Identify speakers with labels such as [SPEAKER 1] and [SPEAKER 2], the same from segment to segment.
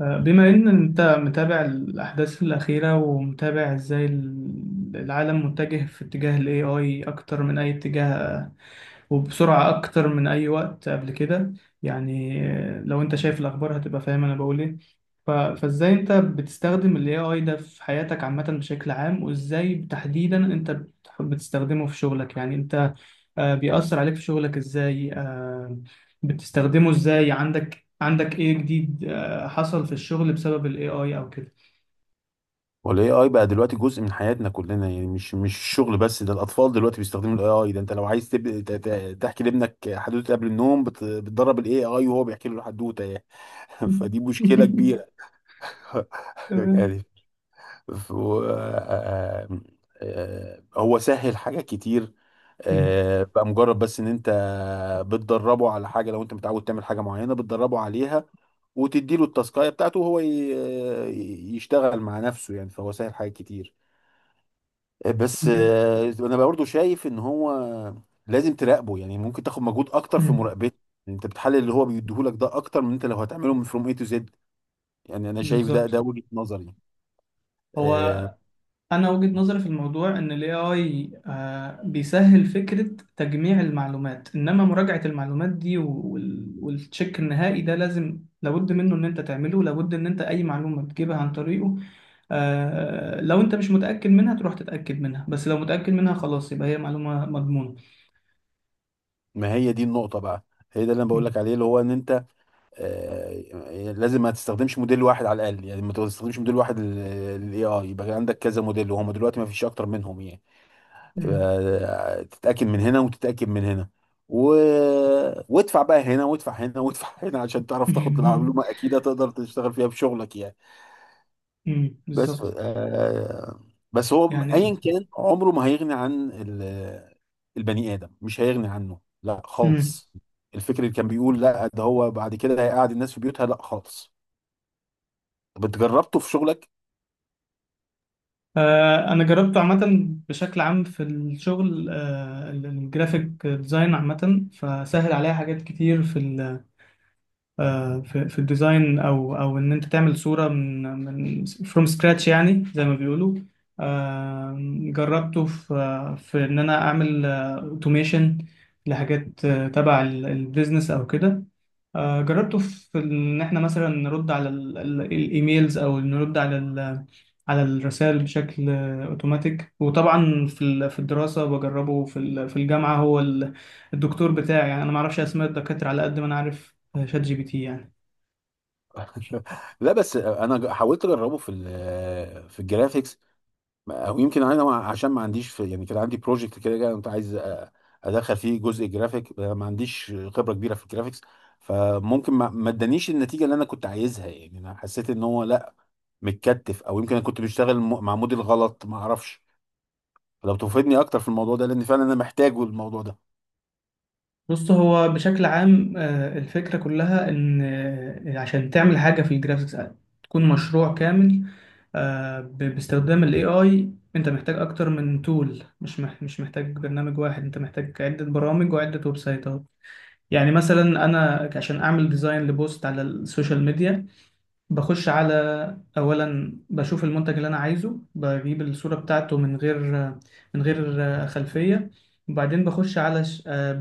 [SPEAKER 1] بما إن أنت متابع الأحداث الأخيرة ومتابع إزاي العالم متجه في اتجاه ال AI أكتر من أي اتجاه، وبسرعة أكتر من أي وقت قبل كده. يعني لو أنت شايف الأخبار هتبقى فاهم أنا بقول إيه. فازاي انت بتستخدم ال AI ده في حياتك عامة بشكل عام، وازاي تحديدا انت بتستخدمه في شغلك؟ يعني انت بيأثر عليك في شغلك ازاي؟ بتستخدمه ازاي؟ عندك ايه جديد حصل في الشغل بسبب ال AI او كده؟
[SPEAKER 2] والاي اي بقى دلوقتي جزء من حياتنا كلنا يعني مش الشغل بس. ده الاطفال دلوقتي بيستخدموا الاي اي ده. انت لو عايز تحكي لابنك حدوته قبل النوم بتدرب الاي اي وهو بيحكي له الحدوته يعني. فدي مشكله كبيره.
[SPEAKER 1] تمام.
[SPEAKER 2] يعني ف... و... آه... آه... آه، آه، هو سهل حاجات كتير.
[SPEAKER 1] مم.
[SPEAKER 2] بقى مجرد بس ان انت بتدربه على حاجه. لو انت متعود تعمل حاجه معينه بتدربه عليها وتديله التاسكايه بتاعته وهو يشتغل مع نفسه يعني. فهو سهل حاجات كتير. بس انا برضه شايف ان هو لازم تراقبه. يعني ممكن تاخد مجهود اكتر في
[SPEAKER 1] مم.
[SPEAKER 2] مراقبته. يعني انت بتحلل اللي هو بيديهولك ده اكتر من انت لو هتعمله من فروم اي تو زد. يعني انا شايف ده
[SPEAKER 1] بالظبط.
[SPEAKER 2] ده وجهة نظري.
[SPEAKER 1] هو
[SPEAKER 2] آه،
[SPEAKER 1] انا وجهة نظري في الموضوع ان الاي اي بيسهل فكرة تجميع المعلومات، انما مراجعة المعلومات دي والتشيك النهائي ده لازم لابد منه ان انت تعمله، لابد ان انت اي معلومة بتجيبها عن طريقه لو انت مش متأكد منها تروح تتأكد منها، بس لو متأكد منها خلاص يبقى هي معلومة مضمونة.
[SPEAKER 2] ما هي دي النقطة بقى. هي ده اللي انا بقول
[SPEAKER 1] مم.
[SPEAKER 2] لك عليه اللي هو ان انت لازم ما تستخدمش موديل واحد. على الاقل يعني ما تستخدمش موديل واحد للاي اي. يبقى عندك كذا موديل وهم دلوقتي ما فيش اكتر منهم يعني.
[SPEAKER 1] مم.
[SPEAKER 2] تتاكد من هنا وتتاكد من هنا و... وادفع بقى هنا وادفع هنا وادفع هنا عشان تعرف تاخد المعلومه اكيده تقدر تشتغل فيها بشغلك يعني.
[SPEAKER 1] مم.
[SPEAKER 2] بس
[SPEAKER 1] بالظبط.
[SPEAKER 2] آه، بس هو
[SPEAKER 1] يعني
[SPEAKER 2] ايا كان عمره ما هيغني عن ال-. البني ادم مش هيغني عنه لا خالص. الفكر اللي كان بيقول لا ده هو بعد كده هيقعد الناس في بيوتها لا خالص. طب انت جربته في شغلك؟
[SPEAKER 1] انا جربته عامه بشكل عام في الشغل الجرافيك ديزاين عامه، فسهل عليها حاجات كتير في ال في الديزاين، او ان انت تعمل صوره من فروم سكراتش يعني زي ما بيقولوا. آه، جربته في ان انا اعمل اوتوميشن لحاجات تبع البيزنس او كده. جربته في ان احنا مثلا نرد على الايميلز او نرد على على الرسائل بشكل اوتوماتيك، وطبعا في في الدراسه بجربه في في الجامعه. هو الدكتور بتاعي يعني انا ما اعرفش اسماء الدكاتره على قد ما انا عارف شات جي بي تي يعني.
[SPEAKER 2] لا بس انا حاولت اجربه في ال- في الجرافيكس. او يمكن انا عشان ما عنديش في يعني. كان عندي بروجكت كده جاي كنت عايز ادخل فيه جزء جرافيك. أنا ما عنديش خبره كبيره في الجرافيكس. فممكن ما ادانيش النتيجه اللي انا كنت عايزها. يعني انا حسيت ان هو لا متكتف، او يمكن انا كنت بشتغل مع موديل غلط ما اعرفش. فلو تفيدني اكتر في الموضوع ده لان فعلا انا محتاجه الموضوع ده.
[SPEAKER 1] بص، هو بشكل عام الفكرة كلها إن عشان تعمل حاجة في الجرافيكس تكون مشروع كامل، باستخدام ال AI أنت محتاج أكتر من تول، مش محتاج برنامج واحد، أنت محتاج عدة برامج وعدة ويب سايتات. يعني مثلا أنا عشان أعمل ديزاين لبوست على السوشيال ميديا، بخش على، اولا بشوف المنتج اللي انا عايزه بجيب الصورة بتاعته من غير من غير خلفية، وبعدين بخش على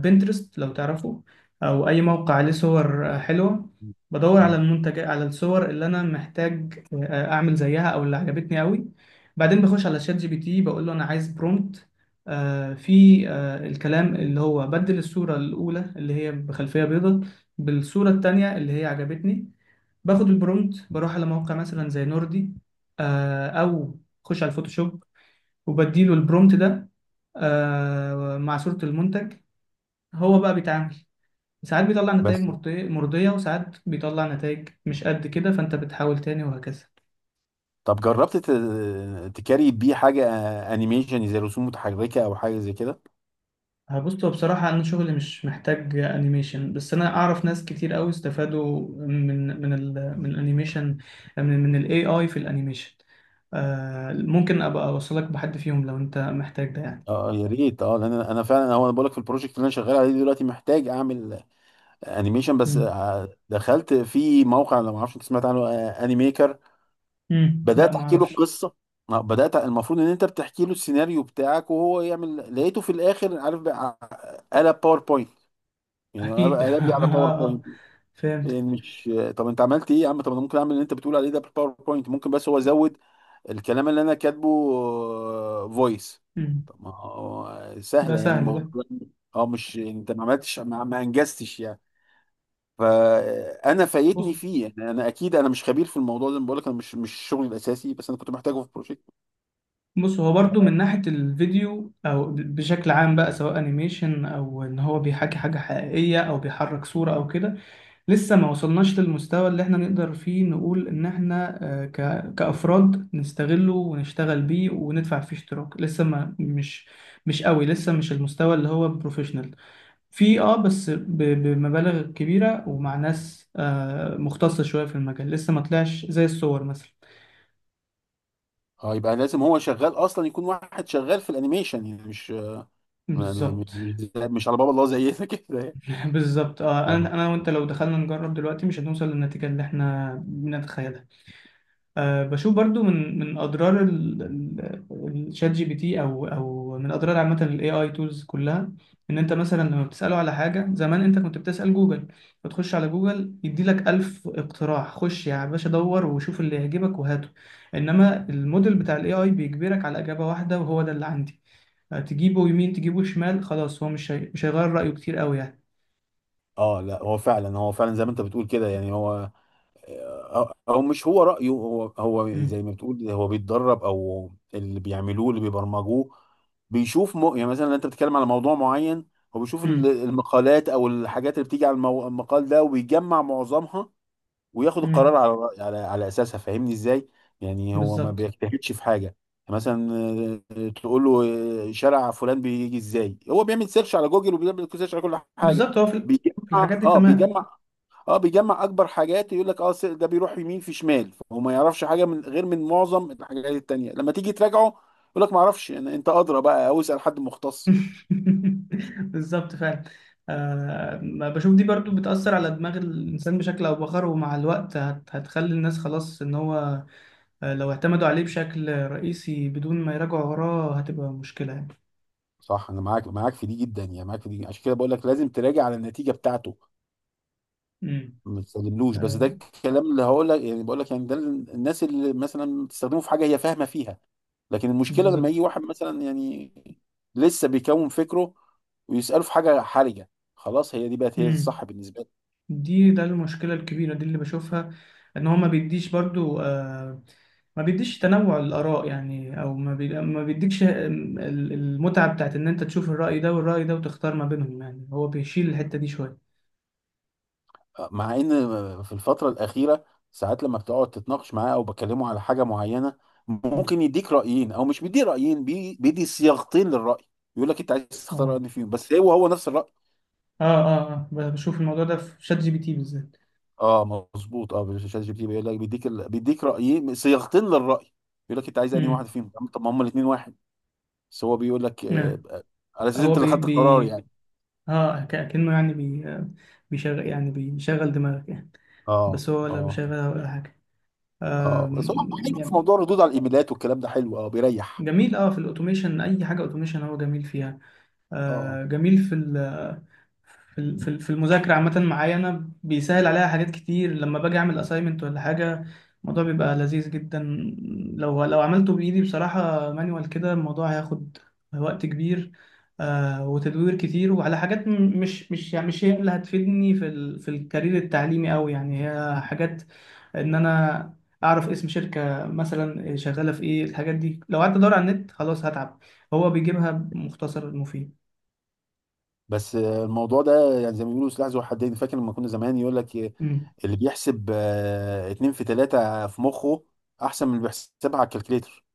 [SPEAKER 1] بنترست لو تعرفه، او اي موقع عليه صور حلوة، بدور على
[SPEAKER 2] مم.
[SPEAKER 1] المنتج على الصور اللي انا محتاج اعمل زيها او اللي عجبتني قوي. بعدين بخش على شات جي بي تي بقول له انا عايز برومبت في الكلام اللي هو بدل الصورة الأولى اللي هي بخلفية بيضاء بالصورة التانية اللي هي عجبتني. باخد البرومت بروح على موقع مثلا زي نوردي او خش على الفوتوشوب، وبديله البرومت ده مع صورة المنتج. هو بقى بيتعامل، ساعات بيطلع نتائج
[SPEAKER 2] بس
[SPEAKER 1] مرضية مرضية، وساعات بيطلع نتائج مش قد كده فانت بتحاول تاني وهكذا.
[SPEAKER 2] طب جربت تكاري بيه حاجه انيميشن زي رسوم متحركه او حاجه زي كده؟
[SPEAKER 1] هبص، هو بصراحة أنا شغلي مش محتاج أنيميشن، بس أنا أعرف ناس كتير أوي استفادوا من من الأنيميشن من من ال AI في الأنيميشن. ممكن أبقى أوصلك بحد فيهم لو أنت محتاج ده يعني.
[SPEAKER 2] اه يا ريت، اه. لان انا فعلا هو انا بقول لك في البروجكت اللي انا شغال عليه دلوقتي محتاج اعمل انيميشن. بس
[SPEAKER 1] مم.
[SPEAKER 2] دخلت في موقع لو ما اعرفش انت سمعت عنه انيميكر.
[SPEAKER 1] امم. لا
[SPEAKER 2] بدات
[SPEAKER 1] ما
[SPEAKER 2] احكي له
[SPEAKER 1] اعرفش.
[SPEAKER 2] القصه. بدات، المفروض ان انت بتحكي له السيناريو بتاعك وهو يعمل. لقيته في الاخر عارف بقى قلب باوربوينت. يعني قلب
[SPEAKER 1] اكيد.
[SPEAKER 2] قلب لي على
[SPEAKER 1] اه
[SPEAKER 2] باوربوينت.
[SPEAKER 1] فهمت.
[SPEAKER 2] يعني مش طب انت عملت ايه يا عم؟ طب انا ممكن اعمل اللي انت بتقول عليه ده بالباوربوينت ممكن. بس هو زود الكلام اللي انا كاتبه فويس.
[SPEAKER 1] امم.
[SPEAKER 2] طب ما هو
[SPEAKER 1] ده
[SPEAKER 2] سهله يعني
[SPEAKER 1] سهل ده.
[SPEAKER 2] الموضوع. اه مش انت ما عملتش ما انجزتش يعني. فانا
[SPEAKER 1] بص.
[SPEAKER 2] فايتني فيه يعني. انا اكيد انا مش خبير في الموضوع زي ما بقول لك انا مش شغلي الاساسي. بس انا كنت محتاجه في بروجكت.
[SPEAKER 1] بص هو برضو من ناحية الفيديو او بشكل عام بقى، سواء انيميشن او ان هو بيحكي حاجة حقيقية او بيحرك صورة او كده، لسه ما وصلناش للمستوى اللي احنا نقدر فيه نقول ان احنا كأفراد نستغله ونشتغل بيه وندفع فيه اشتراك. لسه ما مش قوي، لسه مش المستوى اللي هو بروفيشنال في اه، بس بمبالغ كبيرة ومع ناس آه مختصة شوية في المجال، لسه ما طلعش زي الصور مثلا.
[SPEAKER 2] اه يبقى لازم هو شغال اصلا يكون واحد شغال في الانيميشن. يعني مش ما- ما-
[SPEAKER 1] بالظبط.
[SPEAKER 2] مش مش على باب الله زينا كده يعني.
[SPEAKER 1] بالظبط اه.
[SPEAKER 2] اه
[SPEAKER 1] انا وانت لو دخلنا نجرب دلوقتي مش هنوصل للنتيجة اللي احنا بنتخيلها. أه بشوف برضو من من اضرار الشات جي بي تي او من اضرار عامه الاي اي تولز كلها، ان انت مثلا لما بتساله على حاجه، زمان انت كنت بتسال جوجل، فتخش على جوجل يدي لك 1000 اقتراح، خش يا باشا دور وشوف اللي يعجبك وهاته. انما الموديل بتاع الاي اي بيجبرك على اجابه واحده وهو ده اللي عندي. أه، تجيبه يمين تجيبه شمال خلاص، هو مش هيغير رايه كتير قوي يعني.
[SPEAKER 2] اه، لا هو فعلا. هو فعلا زي ما انت بتقول كده يعني. هو او مش هو رأيه. هو
[SPEAKER 1] امم.
[SPEAKER 2] زي ما بتقول هو بيتدرب او اللي بيعملوه اللي بيبرمجوه. بيشوف يعني مثلا انت بتتكلم على موضوع معين. هو بيشوف
[SPEAKER 1] امم.
[SPEAKER 2] المقالات او الحاجات اللي بتيجي على المقال ده وبيجمع معظمها. وياخد القرار
[SPEAKER 1] امم
[SPEAKER 2] على على اساسها. فاهمني ازاي؟ يعني هو ما
[SPEAKER 1] بالظبط.
[SPEAKER 2] بيجتهدش في حاجة يعني. مثلا تقول له شارع فلان بيجي ازاي. هو بيعمل سيرش على جوجل وبيعمل سيرش على كل حاجة.
[SPEAKER 1] بالظبط. هو في الحاجات
[SPEAKER 2] بيجمع
[SPEAKER 1] دي.
[SPEAKER 2] اه
[SPEAKER 1] تمام.
[SPEAKER 2] بيجمع اه بيجمع اكبر حاجات. يقول لك اه ده بيروح يمين في شمال. فهو ما يعرفش حاجه من غير من معظم الحاجات التانية. لما تيجي تراجعه يقول لك ما اعرفش. يعني انت ادرى بقى او اسال حد مختص يعني.
[SPEAKER 1] بالظبط فعلا. آه بشوف دي برضو بتأثر على دماغ الإنسان بشكل أو بآخر، ومع الوقت هتخلي الناس خلاص إن هو لو اعتمدوا عليه بشكل رئيسي بدون ما يراجعوا وراه هتبقى مشكلة يعني.
[SPEAKER 2] صح انا معاك معاك في دي جدا. يعني معاك في دي. عشان كده بقول لك لازم تراجع على النتيجه بتاعته.
[SPEAKER 1] امم.
[SPEAKER 2] ما تسلملوش. بس ده
[SPEAKER 1] آه
[SPEAKER 2] الكلام اللي هقول لك يعني. بقول لك يعني ده الناس اللي مثلا بتستخدمه في حاجه هي فاهمه فيها. لكن المشكله لما يجي
[SPEAKER 1] بالظبط.
[SPEAKER 2] واحد مثلا يعني لسه بيكون فكره ويساله في حاجه حرجه. خلاص، هي دي بقت هي
[SPEAKER 1] امم.
[SPEAKER 2] الصح بالنسبه.
[SPEAKER 1] ده المشكلة الكبيرة دي اللي بشوفها، ان هو ما بيديش برضو ما بيديش تنوع الآراء يعني، او ما بيديكش المتعة بتاعت ان انت تشوف الرأي ده والرأي ده وتختار ما بينهم، يعني هو بيشيل الحتة دي شوية.
[SPEAKER 2] مع ان في الفتره الاخيره ساعات لما بتقعد تتناقش معاه او بكلمه على حاجه معينه
[SPEAKER 1] مم.
[SPEAKER 2] ممكن يديك رايين. او مش بيدي رايين، بيدي صياغتين للراي. يقول لك انت عايز تختار
[SPEAKER 1] اه
[SPEAKER 2] انهي فيهم. بس هو نفس الراي.
[SPEAKER 1] اه اه بشوف الموضوع ده في شات جي بي تي بالذات.
[SPEAKER 2] اه مظبوط. اه شات جي بي تي بيقول لك بيديك رايين صياغتين للراي. يقول لك انت عايز انهي واحد
[SPEAKER 1] امم.
[SPEAKER 2] فيهم؟ طب ما هم الاثنين واحد. بس هو بيقول لك
[SPEAKER 1] آه.
[SPEAKER 2] على اساس
[SPEAKER 1] هو
[SPEAKER 2] انت اللي
[SPEAKER 1] بي
[SPEAKER 2] خدت القرار
[SPEAKER 1] بي
[SPEAKER 2] يعني.
[SPEAKER 1] اه كأنه يعني بي آه، بيشغل، يعني بيشغل دماغك يعني،
[SPEAKER 2] اه
[SPEAKER 1] بس هو لا
[SPEAKER 2] اه
[SPEAKER 1] بيشغلها ولا حاجة.
[SPEAKER 2] اه. بس هو
[SPEAKER 1] آم،
[SPEAKER 2] حلو في
[SPEAKER 1] يعني
[SPEAKER 2] موضوع الردود على الايميلات والكلام ده حلو، اه بيريح.
[SPEAKER 1] جميل اه في الاوتوميشن، اي حاجه اوتوميشن هو جميل فيها.
[SPEAKER 2] اه
[SPEAKER 1] آه جميل في ال في في المذاكره عامه، معايا انا بيسهل عليها حاجات كتير لما باجي اعمل اساينمنت ولا حاجه، الموضوع بيبقى لذيذ جدا. لو عملته بايدي بصراحه مانوال كده الموضوع هياخد وقت كبير، آه وتدوير كتير وعلى حاجات مش يعني مش هي اللي هتفيدني في ال في الكارير التعليمي قوي، يعني هي حاجات ان انا اعرف اسم شركه مثلا شغاله في ايه. الحاجات دي لو قعدت ادور على النت خلاص هتعب، هو بيجيبها مختصر مفيد.
[SPEAKER 2] بس الموضوع ده يعني زي ما بيقولوا سلاح ذو حدين. فاكر لما كنا زمان يقول لك
[SPEAKER 1] امم.
[SPEAKER 2] اللي بيحسب 2×3 في مخه احسن من اللي بيحسبها على الكالكليتر.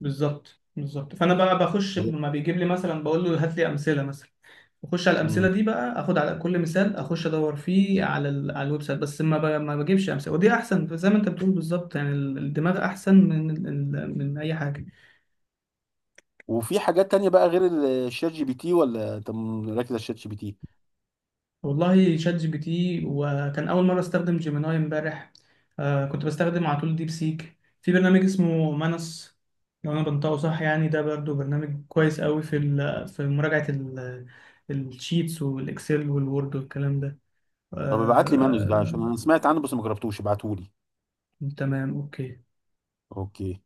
[SPEAKER 1] بالظبط بالظبط. فانا بقى بخش
[SPEAKER 2] أيوة.
[SPEAKER 1] لما بيجيب لي مثلا بقول له هات لي امثله مثلا، بخش على
[SPEAKER 2] مم.
[SPEAKER 1] الامثله دي بقى اخد على كل مثال اخش ادور فيه على على الويب سايت، بس ما بجيبش امثله، ودي احسن زي ما انت بتقول بالظبط. يعني الدماغ احسن من من اي حاجه.
[SPEAKER 2] وفي حاجات تانية بقى غير الشات جي بي تي؟ ولا انت مركز على الشات جي بي تي؟
[SPEAKER 1] والله شات جي بي تي. وكان أول مرة أستخدم جيميناي امبارح. آه كنت بستخدم على طول ديب سيك. في برنامج اسمه مانس لو أنا بنطقه صح يعني، ده برضو برنامج كويس قوي في في مراجعة الشيتس والإكسل والوورد والكلام ده.
[SPEAKER 2] طب ابعت لي مانوس ده
[SPEAKER 1] آه
[SPEAKER 2] عشان انا سمعت عنه بس ما جربتوش. ابعته لي.
[SPEAKER 1] تمام أوكي.
[SPEAKER 2] اوكي.